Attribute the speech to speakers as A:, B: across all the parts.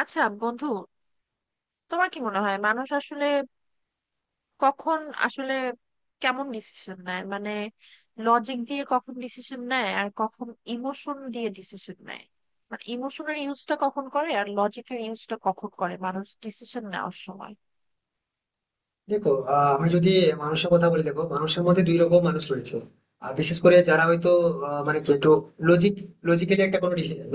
A: আচ্ছা বন্ধু, তোমার কি মনে হয় মানুষ আসলে কখন আসলে কেমন ডিসিশন নেয়? মানে লজিক দিয়ে কখন ডিসিশন নেয় আর কখন ইমোশন দিয়ে ডিসিশন নেয়, মানে ইমোশনের ইউজটা কখন করে আর লজিকের ইউজটা কখন করে মানুষ ডিসিশন নেওয়ার সময়?
B: দেখো, আমি যদি মানুষের কথা বলি। দেখো, মানুষের মধ্যে দুই রকম মানুষ রয়েছে। আর বিশেষ করে যারা হয়তো আহ, মানে কি একটু লজিক লজিক্যালি একটা কোনো ডিসিশন,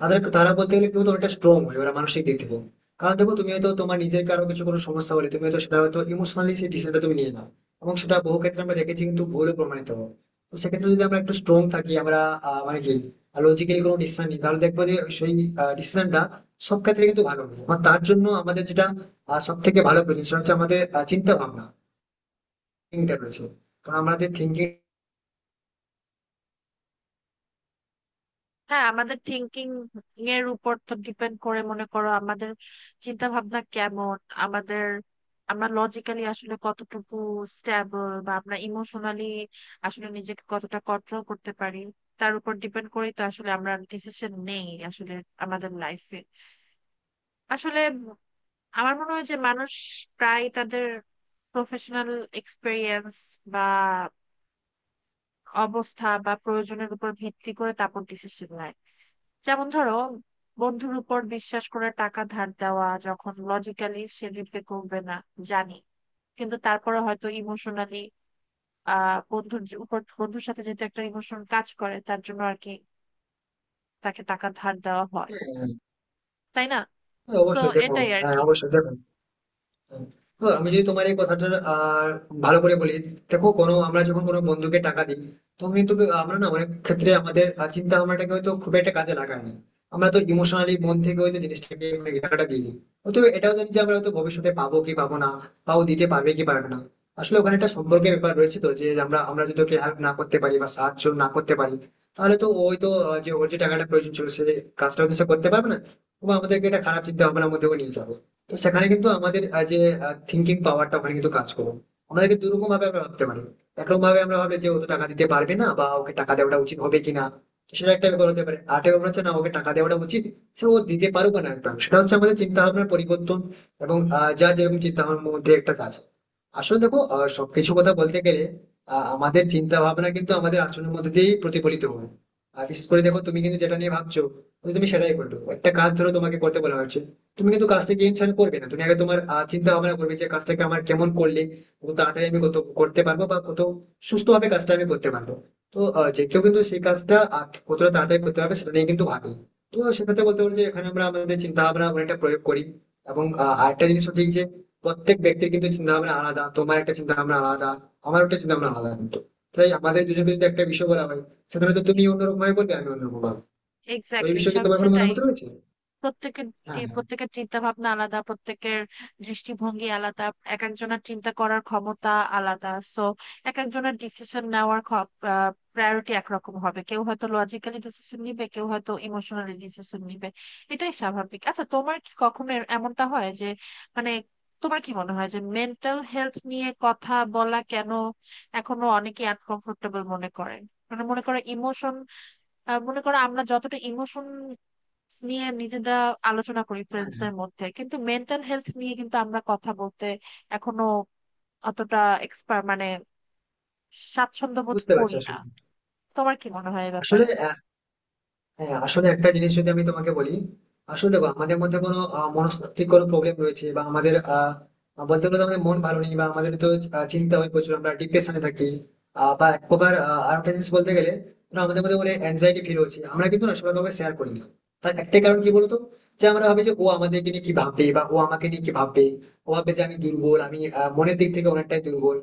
B: তারা বলতে গেলে কিন্তু অনেকটা স্ট্রং হয়, ওরা মানসিক দিক থেকে। কারণ দেখো, তুমি হয়তো তোমার নিজের কারো কিছু কোনো সমস্যা হলে তুমি হয়তো সেটা হয়তো ইমোশনালি সেই ডিসিশনটা তুমি নিয়ে নাও, এবং সেটা বহু ক্ষেত্রে আমরা দেখেছি কিন্তু ভুলও প্রমাণিত হয়। তো সেক্ষেত্রে যদি আমরা একটু স্ট্রং থাকি, আমরা আহ, মানে কি লজিক্যালি কোনো ডিসিশন নিই, তাহলে দেখবো যে সেই ডিসিশনটা সব ক্ষেত্রে কিন্তু ভালো হবে। এবং তার জন্য আমাদের যেটা আর সব থেকে ভালো প্রয়োজন, সেটা হচ্ছে আমাদের চিন্তা ভাবনা, থিঙ্কিংটা রয়েছে। কারণ আমাদের থিঙ্কিং।
A: হ্যাঁ, আমাদের থিঙ্কিং এর উপর তো ডিপেন্ড করে মনে করো আমাদের চিন্তা ভাবনা কেমন, আমাদের আমরা লজিক্যালি আসলে কতটুকু স্ট্যাবল বা আমরা ইমোশনালি আসলে নিজেকে কতটা কন্ট্রোল করতে পারি, তার উপর ডিপেন্ড করেই তো আসলে আমরা ডিসিশন নেই আসলে আমাদের লাইফে। আসলে আমার মনে হয় যে মানুষ প্রায় তাদের প্রফেশনাল এক্সপেরিয়েন্স বা অবস্থা বা প্রয়োজনের উপর ভিত্তি করে তারপর ডিসিশন নেয়। যেমন ধরো, বন্ধুর উপর বিশ্বাস করে টাকা ধার দেওয়া, যখন লজিক্যালি সে রিপে করবে না জানি, কিন্তু তারপরে হয়তো ইমোশনালি উপর বন্ধুর সাথে যেহেতু একটা ইমোশন কাজ করে, তার জন্য আর কি তাকে টাকা ধার দেওয়া হয়, তাই না? সো
B: অবশ্যই দেখো।
A: এটাই আর
B: হ্যাঁ,
A: কি।
B: অবশ্যই দেখো। তো আমি যদি তোমার এই কথাটা আর ভালো করে বলি, দেখো, কোনো আমরা যখন কোনো বন্ধুকে টাকা দিই তখন কিন্তু আমরা না, অনেক ক্ষেত্রে আমাদের চিন্তা ভাবনাটাকে হয়তো খুব একটা কাজে লাগাই না। আমরা তো ইমোশনালি মন থেকে হয়তো জিনিসটাকে মানে টাকাটা দিই নি। হয়তো এটাও জানি যে আমরা হয়তো ভবিষ্যতে পাবো কি পাবো না, বা ও দিতে পারবে কি পারবে না। আসলে ওখানে একটা সম্পর্কের ব্যাপার রয়েছে, তো যে আমরা আমরা যদি ওকে হেল্প না করতে পারি বা সাহায্য না করতে পারি, তাহলে তো ও হয়তো যে ওর যে টাকাটা প্রয়োজন ছিল, সে কাজটা হয়তো সে করতে পারবে না, এবং আমাদেরকে এটা খারাপ চিন্তা ভাবনার মধ্যেও নিয়ে যাবে। তো সেখানে কিন্তু আমাদের যে থিঙ্কিং পাওয়ারটা ওখানে কিন্তু কাজ করবে। আমাদেরকে দুরকম ভাবে আমরা ভাবতে পারি। একরকম ভাবে আমরা ভাবে যে ও তো টাকা দিতে পারবে না, বা ওকে টাকা দেওয়াটা উচিত হবে কিনা, তো সেটা একটা ব্যাপার হতে পারে। আর একটা ব্যাপার হচ্ছে, না, ওকে টাকা দেওয়াটা উচিত, সে ও দিতে পারুক বা না, একদম। সেটা হচ্ছে আমাদের চিন্তা ভাবনার পরিবর্তন। এবং যা যেরকম চিন্তা ভাবনার মধ্যে একটা আছে। আসলে দেখো, সবকিছু কথা বলতে গেলে, আমাদের চিন্তা ভাবনা কিন্তু আমাদের আচরণের মধ্যে দিয়েই প্রতিফলিত হয়। আর বিশেষ করে দেখো, তুমি কিন্তু যেটা নিয়ে ভাবছো তুমি তুমি সেটাই করবে। একটা কাজ ধরো তোমাকে করতে বলা হয়েছে, তুমি কিন্তু কাজটাকে টেনশন করবে না, তুমি আগে তোমার চিন্তা ভাবনা করবে যে কাজটাকে আমার কেমন করলে কত তাড়াতাড়ি আমি কত করতে পারবো, বা কত সুস্থভাবে কাজটা আমি করতে পারবো। তো যে কেউ কিন্তু সেই কাজটা কতটা তাড়াতাড়ি করতে পারবে সেটা নিয়ে কিন্তু ভাবি। তো সেক্ষেত্রে বলতে পারি যে এখানে আমরা আমাদের চিন্তা ভাবনা অনেকটা প্রয়োগ করি। এবং আরেকটা জিনিস ঠিক, যে প্রত্যেক ব্যক্তির কিন্তু চিন্তা ভাবনা আলাদা। তোমার একটা চিন্তা ভাবনা আলাদা, আমার একটা চিন্তা ভাবনা আলাদা, কিন্তু তাই আমাদের দুজনকে যদি একটা বিষয় বলা হয়, সেখানে তো তুমি অন্যরকম ভাবে বলবে, আমি অন্যরকম ভাবে। তো এই
A: এক্স্যাক্টলি,
B: বিষয়ে কি
A: সব
B: তোমার কোনো
A: সেটাই।
B: মতামত রয়েছে?
A: প্রত্যেকের
B: হ্যাঁ, হ্যাঁ।
A: প্রত্যেকের চিন্তা ভাবনা আলাদা, প্রত্যেকের দৃষ্টিভঙ্গি আলাদা, এক একজনের চিন্তা করার ক্ষমতা আলাদা। সো এক একজনের ডিসিশন নেওয়ার প্রায়োরিটি একরকম হবে, কেউ হয়তো লজিক্যালি ডিসিশন নিবে, কেউ হয়তো ইমোশনালি ডিসিশন নিবে, এটাই স্বাভাবিক। আচ্ছা, তোমার কি কখনো এমনটা হয় যে মানে তোমার কি মনে হয় যে মেন্টাল হেলথ নিয়ে কথা বলা কেন এখনো অনেকে আনকমফোর্টেবল মনে করে? মানে মনে করো ইমোশন, মনে করো আমরা যতটা ইমোশন নিয়ে নিজেরা আলোচনা করি
B: হ্যাঁ, হ্যাঁ,
A: ফ্রেন্ডসদের মধ্যে, কিন্তু মেন্টাল হেলথ নিয়ে কিন্তু আমরা কথা বলতে এখনো অতটা এক্সপার্ট মানে স্বাচ্ছন্দ্য বোধ
B: বুঝতে পারছি।
A: করি না।
B: আসলে,
A: তোমার কি মনে হয় এ
B: আসলে
A: ব্যাপারে?
B: হ্যাঁ, আসলে একটা জিনিস যদি আমি তোমাকে বলি, আসলে দেখো, আমাদের মধ্যে কোনো মনস্তাত্ত্বিক কোনো প্রবলেম রয়েছে, বা আমাদের বলতে গেলে তো আমাদের মন ভালো নেই, বা আমাদের তো চিন্তা হয় প্রচুর, আমরা ডিপ্রেশনে থাকি, বা এক প্রকার, আর একটা জিনিস বলতে গেলে, ধরো আমাদের মধ্যে বলে অ্যাংজাইটি ফিল হচ্ছে, আমরা কিন্তু না, সবাই কাউকে শেয়ার করি না। তার একটাই কারণ কি বলতো? যে আমরা ভাবি যে ও আমাদেরকে নিয়ে কি ভাববে, বা ও আমাকে নিয়ে কি ভাববে। ও ভাববে যে আমি দুর্বল, আমি মনের দিক থেকে অনেকটাই দুর্বল।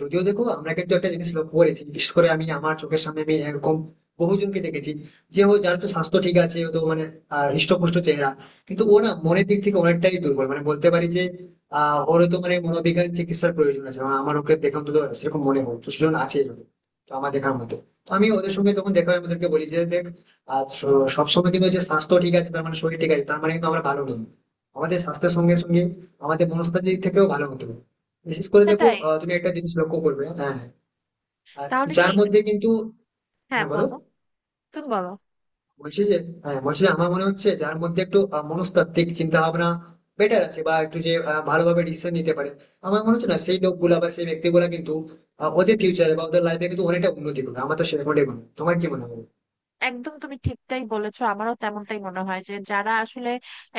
B: যদিও দেখো, আমরা কিন্তু একটা জিনিস লক্ষ্য করেছি। বিশেষ করে আমি, আমার চোখের সামনে আমি এরকম বহুজনকে দেখেছি, যে ও, যার তো স্বাস্থ্য ঠিক আছে, ও তো মানে হৃষ্টপুষ্ট চেহারা, কিন্তু ও না মনের দিক থেকে অনেকটাই দুর্বল। মানে বলতে পারি যে ওর তো মানে মনোবিজ্ঞান চিকিৎসার প্রয়োজন আছে। আমার ওকে দেখে অন্তত সেরকম মনে হয়। কিছুজন আছে এরকম। তো আমার দেখার মতো, তো আমি ওদের সঙ্গে যখন দেখা হয়, আমি ওদেরকে বলি যে দেখ, সবসময় কিন্তু যে স্বাস্থ্য ঠিক আছে তার মানে শরীর ঠিক আছে, তার মানে কিন্তু আমরা ভালো নেই। আমাদের স্বাস্থ্যের সঙ্গে সঙ্গে আমাদের মনস্তাত্ত্বিক দিক থেকেও ভালো হতে হবে। বিশেষ করে দেখো,
A: সেটাই।
B: তুমি একটা জিনিস লক্ষ্য করবে। হ্যাঁ। আর
A: তাহলে কি?
B: যার মধ্যে কিন্তু।
A: হ্যাঁ
B: হ্যাঁ বলো।
A: বলো, তুমি বলো।
B: বলছি যে, হ্যাঁ বলছি যে আমার মনে হচ্ছে যার মধ্যে একটু মনস্তাত্ত্বিক চিন্তা ভাবনা বেটার আছে, বা একটু যে ভালোভাবে ডিসিশন নিতে পারে, আমার মনে হচ্ছে না সেই লোকগুলা বা সেই ব্যক্তিগুলা কিন্তু ওদের ফিউচারে বা ওদের লাইফে কিন্তু অনেকটা উন্নতি করবে। আমার তো সেরকমটাই মনে হয়। তোমার কি মনে হয়?
A: একদম, তুমি ঠিকটাই বলেছো, আমারও তেমনটাই মনে হয় যে যারা আসলে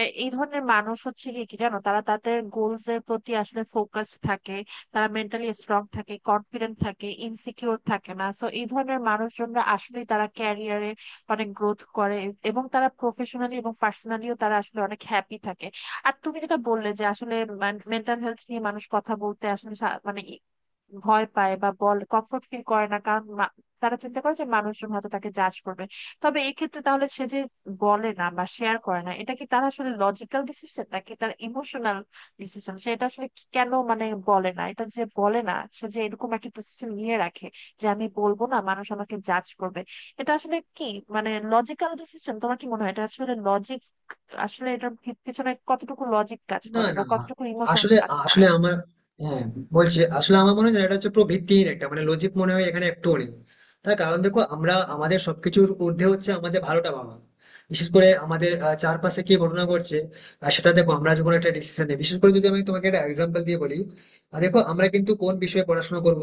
A: এই ধরনের মানুষ হচ্ছে, কি কি জানো, তারা তাদের গোলস এর প্রতি আসলে ফোকাস থাকে, তারা মেন্টালি স্ট্রং থাকে, কনফিডেন্ট থাকে, ইনসিকিউর থাকে না। সো এই ধরনের মানুষজনরা আসলে তারা ক্যারিয়ারে অনেক গ্রোথ করে, এবং তারা প্রফেশনালি এবং পার্সোনালিও তারা আসলে অনেক হ্যাপি থাকে। আর তুমি যেটা বললে যে আসলে মেন্টাল হেলথ নিয়ে মানুষ কথা বলতে আসলে মানে ভয় পায় বা বল কমফোর্ট ফিল করে না, কারণ তারা চিন্তা করে যে মানুষজন হয়তো তাকে জাজ করবে। তবে এক্ষেত্রে তাহলে সে যে বলে না বা শেয়ার করে না, এটা কি তার আসলে লজিক্যাল ডিসিশন নাকি তার ইমোশনাল ডিসিশন? সেটা আসলে কেন মানে বলে না, এটা যে বলে না, সে যে এরকম একটা ডিসিশন নিয়ে রাখে যে আমি বলবো না, মানুষ আমাকে জাজ করবে, এটা আসলে কি মানে লজিক্যাল ডিসিশন? তোমার কি মনে হয় এটা আসলে লজিক আসলে এটার পিছনে কতটুকু লজিক কাজ
B: না,
A: করে বা
B: না।
A: কতটুকু ইমোশনস
B: আসলে,
A: কাজ করে?
B: আসলে আমার, হ্যাঁ বলছি, আসলে আমার মনে হয় যে এটা হচ্ছে পুরো ভিত্তিহীন একটা, মানে লজিক মনে হয় এখানে একটু নেই। তার কারণ দেখো, আমরা আমাদের সবকিছুর ঊর্ধ্বে হচ্ছে আমাদের ভালোটা ভাবা, বিশেষ করে আমাদের চারপাশে কি ঘটনা ঘটছে। আর সেটা দেখো, আমরা যখন একটা ডিসিশন নিই, বিশেষ করে যদি আমি তোমাকে একটা এক্সাম্পল দিয়ে বলি, দেখো, আমরা কিন্তু কোন বিষয়ে পড়াশোনা করব,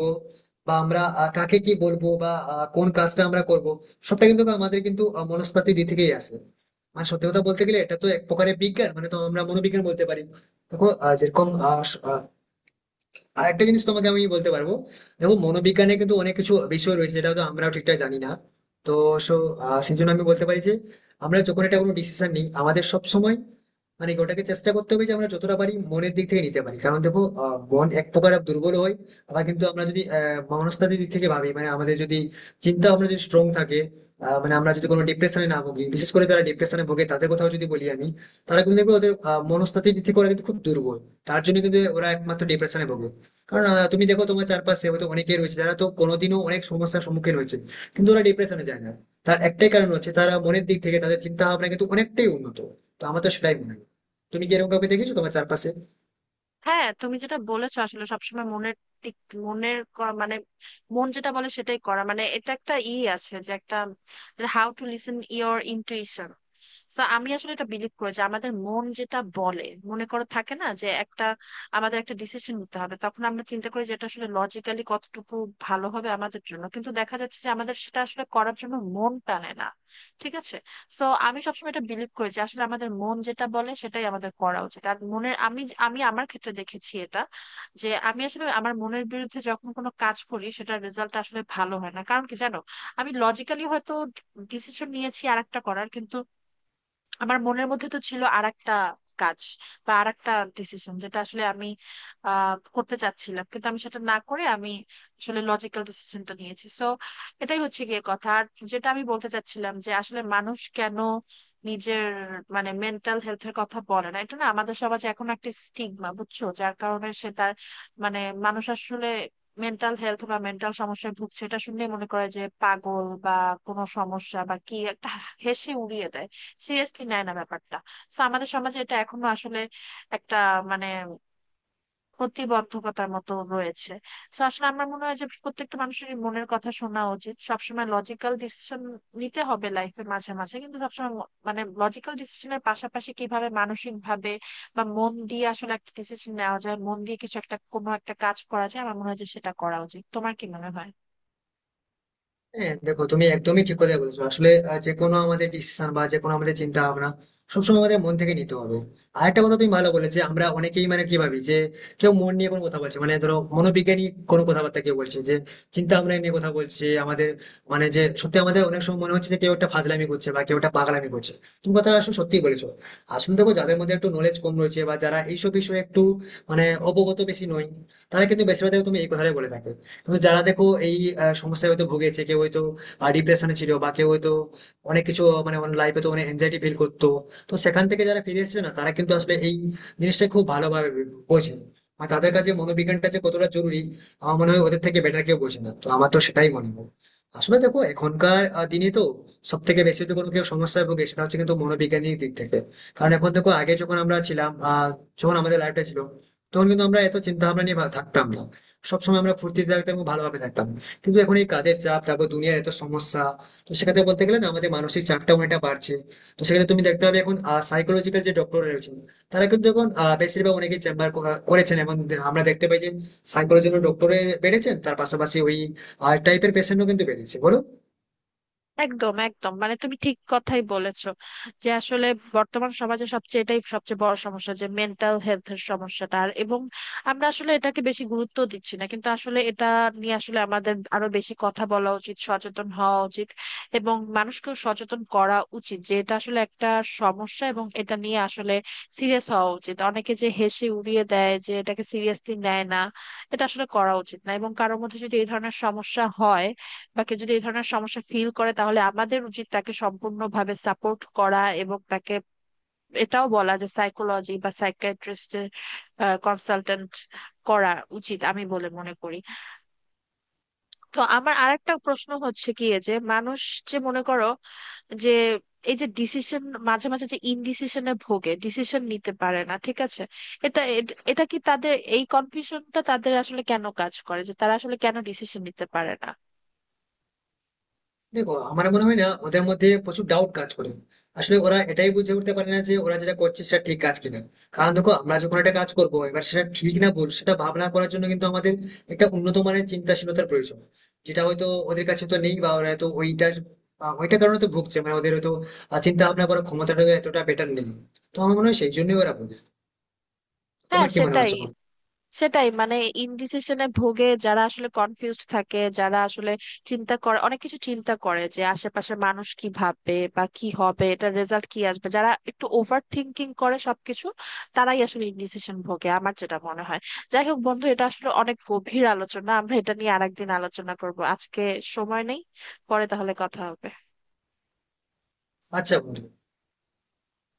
B: বা আমরা কাকে কি বলবো, বা কোন কাজটা আমরা করব, সবটা কিন্তু আমাদের কিন্তু মনস্তাত্ত্বিক দিক থেকেই আসে। মানে সত্যি কথা বলতে গেলে, এটা তো এক প্রকারের বিজ্ঞান, মানে তো আমরা মনোবিজ্ঞান বলতে পারি। দেখো, আহ, যেরকম আহ, স- আহ, আরেকটা জিনিস তোমাকে আমি বলতে পারবো। দেখো, মনোবিজ্ঞানে কিন্তু অনেক কিছু বিষয় রয়েছে যেটা হয়তো আমরাও ঠিকঠাক জানি না। তো সো সেই জন্য আমি বলতে পারি যে আমরা যখন একটা কোনো ডিসিশন নিই, আমাদের সব সময় মানে কি ওটাকে চেষ্টা করতে হবে যে আমরা যতটা পারি মনের দিক থেকে নিতে পারি, কারণ দেখো, মন এক প্রকার দুর্বল হয়। আবার কিন্তু আমরা যদি মনস্তাত্ত্বিক দিক থেকে ভাবি, মানে আমাদের যদি চিন্তা ভাবনা যদি স্ট্রং থাকে, মানে আমরা যদি কোনো ডিপ্রেশনে না ভুগি, বিশেষ করে যারা ডিপ্রেশনে ভোগে তাদের কথাও যদি বলি আমি, তারা কিন্তু দেখবে ওদের মনস্তাত্ত্বিক দিক থেকে ওরা কিন্তু খুব দুর্বল। তার জন্য কিন্তু ওরা একমাত্র ডিপ্রেশনে ভোগে। কারণ তুমি দেখো, তোমার চারপাশে হয়তো অনেকেই রয়েছে যারা তো কোনোদিনও অনেক সমস্যার সম্মুখীন হয়েছে, কিন্তু ওরা ডিপ্রেশনে যায় না। তার একটাই কারণ হচ্ছে তারা মনের দিক থেকে তাদের চিন্তা ভাবনা কিন্তু অনেকটাই উন্নত। তো আমার তো সেটাই মনে হয়। তুমি কি এরকম কাউকে দেখেছো তোমার চারপাশে?
A: হ্যাঁ, তুমি যেটা বলেছো আসলে সবসময় মনের দিক মনের ক- মানে মন যেটা বলে সেটাই করা, মানে এটা একটা ই আছে যে একটা how to listen your intuition. তো আমি আসলে এটা বিলিভ করি যে আমাদের মন যেটা বলে, মনে করো থাকে না যে একটা আমাদের একটা ডিসিশন নিতে হবে, তখন আমরা চিন্তা করি যে এটা আসলে লজিক্যালি কতটুকু ভালো হবে আমাদের জন্য, কিন্তু দেখা যাচ্ছে যে আমাদের সেটা আসলে করার জন্য মন টানে না, ঠিক আছে। সো আমি সবসময় এটা বিলিভ করি যে আসলে আমাদের মন যেটা বলে সেটাই আমাদের করা উচিত। আর মনের আমি আমি আমার ক্ষেত্রে দেখেছি এটা, যে আমি আসলে আমার মনের বিরুদ্ধে যখন কোনো কাজ করি, সেটার রেজাল্ট আসলে ভালো হয় না। কারণ কি জানো, আমি লজিক্যালি হয়তো ডিসিশন নিয়েছি আরেকটা করার, কিন্তু আমার মনের মধ্যে তো ছিল আর একটা কাজ বা আর একটা ডিসিশন যেটা আসলে আমি করতে চাচ্ছিলাম, কিন্তু আমি সেটা না করে আমি আসলে লজিক্যাল ডিসিশনটা নিয়েছি। সো এটাই হচ্ছে গিয়ে কথা। আর যেটা আমি বলতে চাচ্ছিলাম যে আসলে মানুষ কেন নিজের মানে মেন্টাল হেলথের কথা বলে না, এটা না আমাদের সমাজে এখন একটা স্টিগমা, বুঝছো, যার কারণে সে তার মানে মানুষ আসলে মেন্টাল হেলথ বা মেন্টাল সমস্যায় ভুগছে এটা শুনলে মনে করে যে পাগল বা কোনো সমস্যা বা কি একটা, হেসে উড়িয়ে দেয়, সিরিয়াসলি নেয় না ব্যাপারটা। তো আমাদের সমাজে এটা এখনো আসলে একটা মানে প্রতিবন্ধকতার মতো রয়েছে। তো আসলে আমার মনে হয় যে প্রত্যেকটা মানুষের মনের কথা শোনা উচিত, সবসময় লজিক্যাল ডিসিশন নিতে হবে লাইফে মাঝে মাঝে, কিন্তু সবসময় মানে লজিক্যাল ডিসিশনের পাশাপাশি কিভাবে মানসিক ভাবে বা মন দিয়ে আসলে একটা ডিসিশন নেওয়া যায়, মন দিয়ে কিছু একটা কোনো একটা কাজ করা যায়, আমার মনে হয় যে সেটা করা উচিত। তোমার কি মনে হয়?
B: হ্যাঁ, দেখো, তুমি একদমই ঠিক কথা বলেছো। আসলে যে কোনো আমাদের ডিসিশন বা যে কোনো আমাদের চিন্তা ভাবনা সবসময় আমাদের মন থেকে নিতে হবে। আর একটা কথা তুমি ভালো বলে, যে আমরা অনেকেই মানে কি ভাবি যে কেউ মন নিয়ে কোনো কথা বলছে, মানে ধরো মনোবিজ্ঞানী কোনো কথাবার্তা কেউ বলছে, যে চিন্তা ভাবনা নিয়ে কথা বলছে আমাদের, মানে যে সত্যি আমাদের অনেক সময় মনে হচ্ছে যে কেউ একটা ফাজলামি করছে বা কেউ একটা পাগলামি করছে। তুমি কথা আসলে সত্যি বলেছো। আসলে দেখো, যাদের মধ্যে একটু নলেজ কম রয়েছে বা যারা এইসব বিষয়ে একটু মানে অবগত বেশি নয়, তারা কিন্তু বেশিরভাগ তুমি এই কথাটাই বলে থাকে। কিন্তু যারা দেখো এই সমস্যায় হয়তো ভুগেছে, কেউ হয়তো ডিপ্রেশনে ছিল, বা কেউ হয়তো অনেক কিছু মানে লাইফে তো অনেক এনজাইটি ফিল করতো, তো সেখান থেকে যারা ফিরে এসেছে না, তারা কিন্তু আসলে এই জিনিসটা খুব ভালোভাবে বোঝে। আর তাদের কাছে মনোবিজ্ঞানটা যে কতটা জরুরি, আমার মনে হয় ওদের থেকে বেটার কেউ বোঝে না। তো আমার তো সেটাই মনে হয়। আসলে দেখো, এখনকার দিনে তো সব থেকে বেশি যদি কোনো কেউ সমস্যায় ভোগে, সেটা হচ্ছে কিন্তু মনোবিজ্ঞানিক দিক থেকে। কারণ এখন দেখো, আগে যখন আমরা ছিলাম, যখন আমাদের লাইফটা ছিল, তখন কিন্তু আমরা এত চিন্তা ভাবনা নিয়ে থাকতাম না, সবসময় আমরা ফুর্তিতে থাকতাম এবং ভালোভাবে থাকতাম। কিন্তু এখন এই কাজের চাপ, তারপর দুনিয়ার এত সমস্যা, তো সেক্ষেত্রে বলতে গেলে না, আমাদের মানসিক চাপটা অনেকটা বাড়ছে। তো সেক্ষেত্রে তুমি দেখতে পাবে এখন সাইকোলজিক্যাল যে ডক্টর রয়েছেন, তারা কিন্তু এখন বেশিরভাগ অনেকে চেম্বার করেছেন, এবং আমরা দেখতে পাই যে সাইকোলজিক্যাল ডক্টরে বেড়েছেন, তার পাশাপাশি ওই আর্ট টাইপের পেশেন্টও কিন্তু বেড়েছে, বলো।
A: একদম একদম মানে তুমি ঠিক কথাই বলেছো যে আসলে বর্তমান সমাজে সবচেয়ে এটাই সবচেয়ে বড় সমস্যা যে মেন্টাল হেলথের সমস্যাটা। আর এবং আমরা আসলে এটাকে বেশি গুরুত্ব দিচ্ছি না, কিন্তু আসলে এটা নিয়ে আসলে আমাদের আরো বেশি কথা বলা উচিত, সচেতন হওয়া উচিত, এবং মানুষকেও সচেতন করা উচিত যে এটা আসলে একটা সমস্যা এবং এটা নিয়ে আসলে সিরিয়াস হওয়া উচিত। অনেকে যে হেসে উড়িয়ে দেয়, যে এটাকে সিরিয়াসলি নেয় না, এটা আসলে করা উচিত না। এবং কারোর মধ্যে যদি এই ধরনের সমস্যা হয় বা কেউ যদি এই ধরনের সমস্যা ফিল করে, তাহলে আমাদের উচিত তাকে সম্পূর্ণভাবে সাপোর্ট করা এবং তাকে এটাও বলা যে সাইকোলজি বা সাইকিয়াট্রিস্টের কনসালটেন্ট করা উচিত আমি বলে মনে করি। তো আমার আরেকটা প্রশ্ন হচ্ছে কি যে মানুষ যে মনে করো যে এই যে ডিসিশন, মাঝে মাঝে যে ইনডিসিশনে ভোগে, ডিসিশন নিতে পারে না, ঠিক আছে, এটা এটা কি তাদের এই কনফিউশনটা তাদের আসলে কেন কাজ করে, যে তারা আসলে কেন ডিসিশন নিতে পারে না?
B: দেখো, আমার মনে হয় না, ওদের মধ্যে প্রচুর ডাউট কাজ করে। আসলে ওরা এটাই বুঝে উঠতে পারে না যে ওরা যেটা করছে সেটা ঠিক কাজ কিনা। কারণ দেখো, আমরা যখন একটা কাজ করবো এবার সেটা ঠিক না ভুল, সেটা ভাবনা করার জন্য কিন্তু আমাদের একটা উন্নত মানের চিন্তাশীলতার প্রয়োজন, যেটা হয়তো ওদের কাছে তো নেই, বা ওরা হয়তো ওইটার কারণে তো ভুগছে। মানে ওদের হয়তো চিন্তা ভাবনা করার ক্ষমতাটা এতটা বেটার নেই। তো আমার মনে হয় সেই জন্যই ওরা ভুল।
A: হ্যাঁ,
B: তোমার কি মনে
A: সেটাই।
B: হচ্ছে বলো?
A: সেটাই মানে ইনডিসিশনে ভোগে যারা, আসলে কনফিউজড থাকে যারা, আসলে চিন্তা করে অনেক কিছু চিন্তা করে যে আশেপাশে মানুষ কি ভাববে বা কি হবে, এটার রেজাল্ট কি আসবে, যারা একটু ওভার থিংকিং করে সবকিছু, তারাই আসলে ইনডিসিশন ভোগে আমার যেটা মনে হয়। যাই হোক বন্ধু, এটা আসলে অনেক গভীর আলোচনা, আমরা এটা নিয়ে আরেকদিন আলোচনা করব, আজকে সময় নেই। পরে তাহলে কথা হবে।
B: আচ্ছা বন্ধু।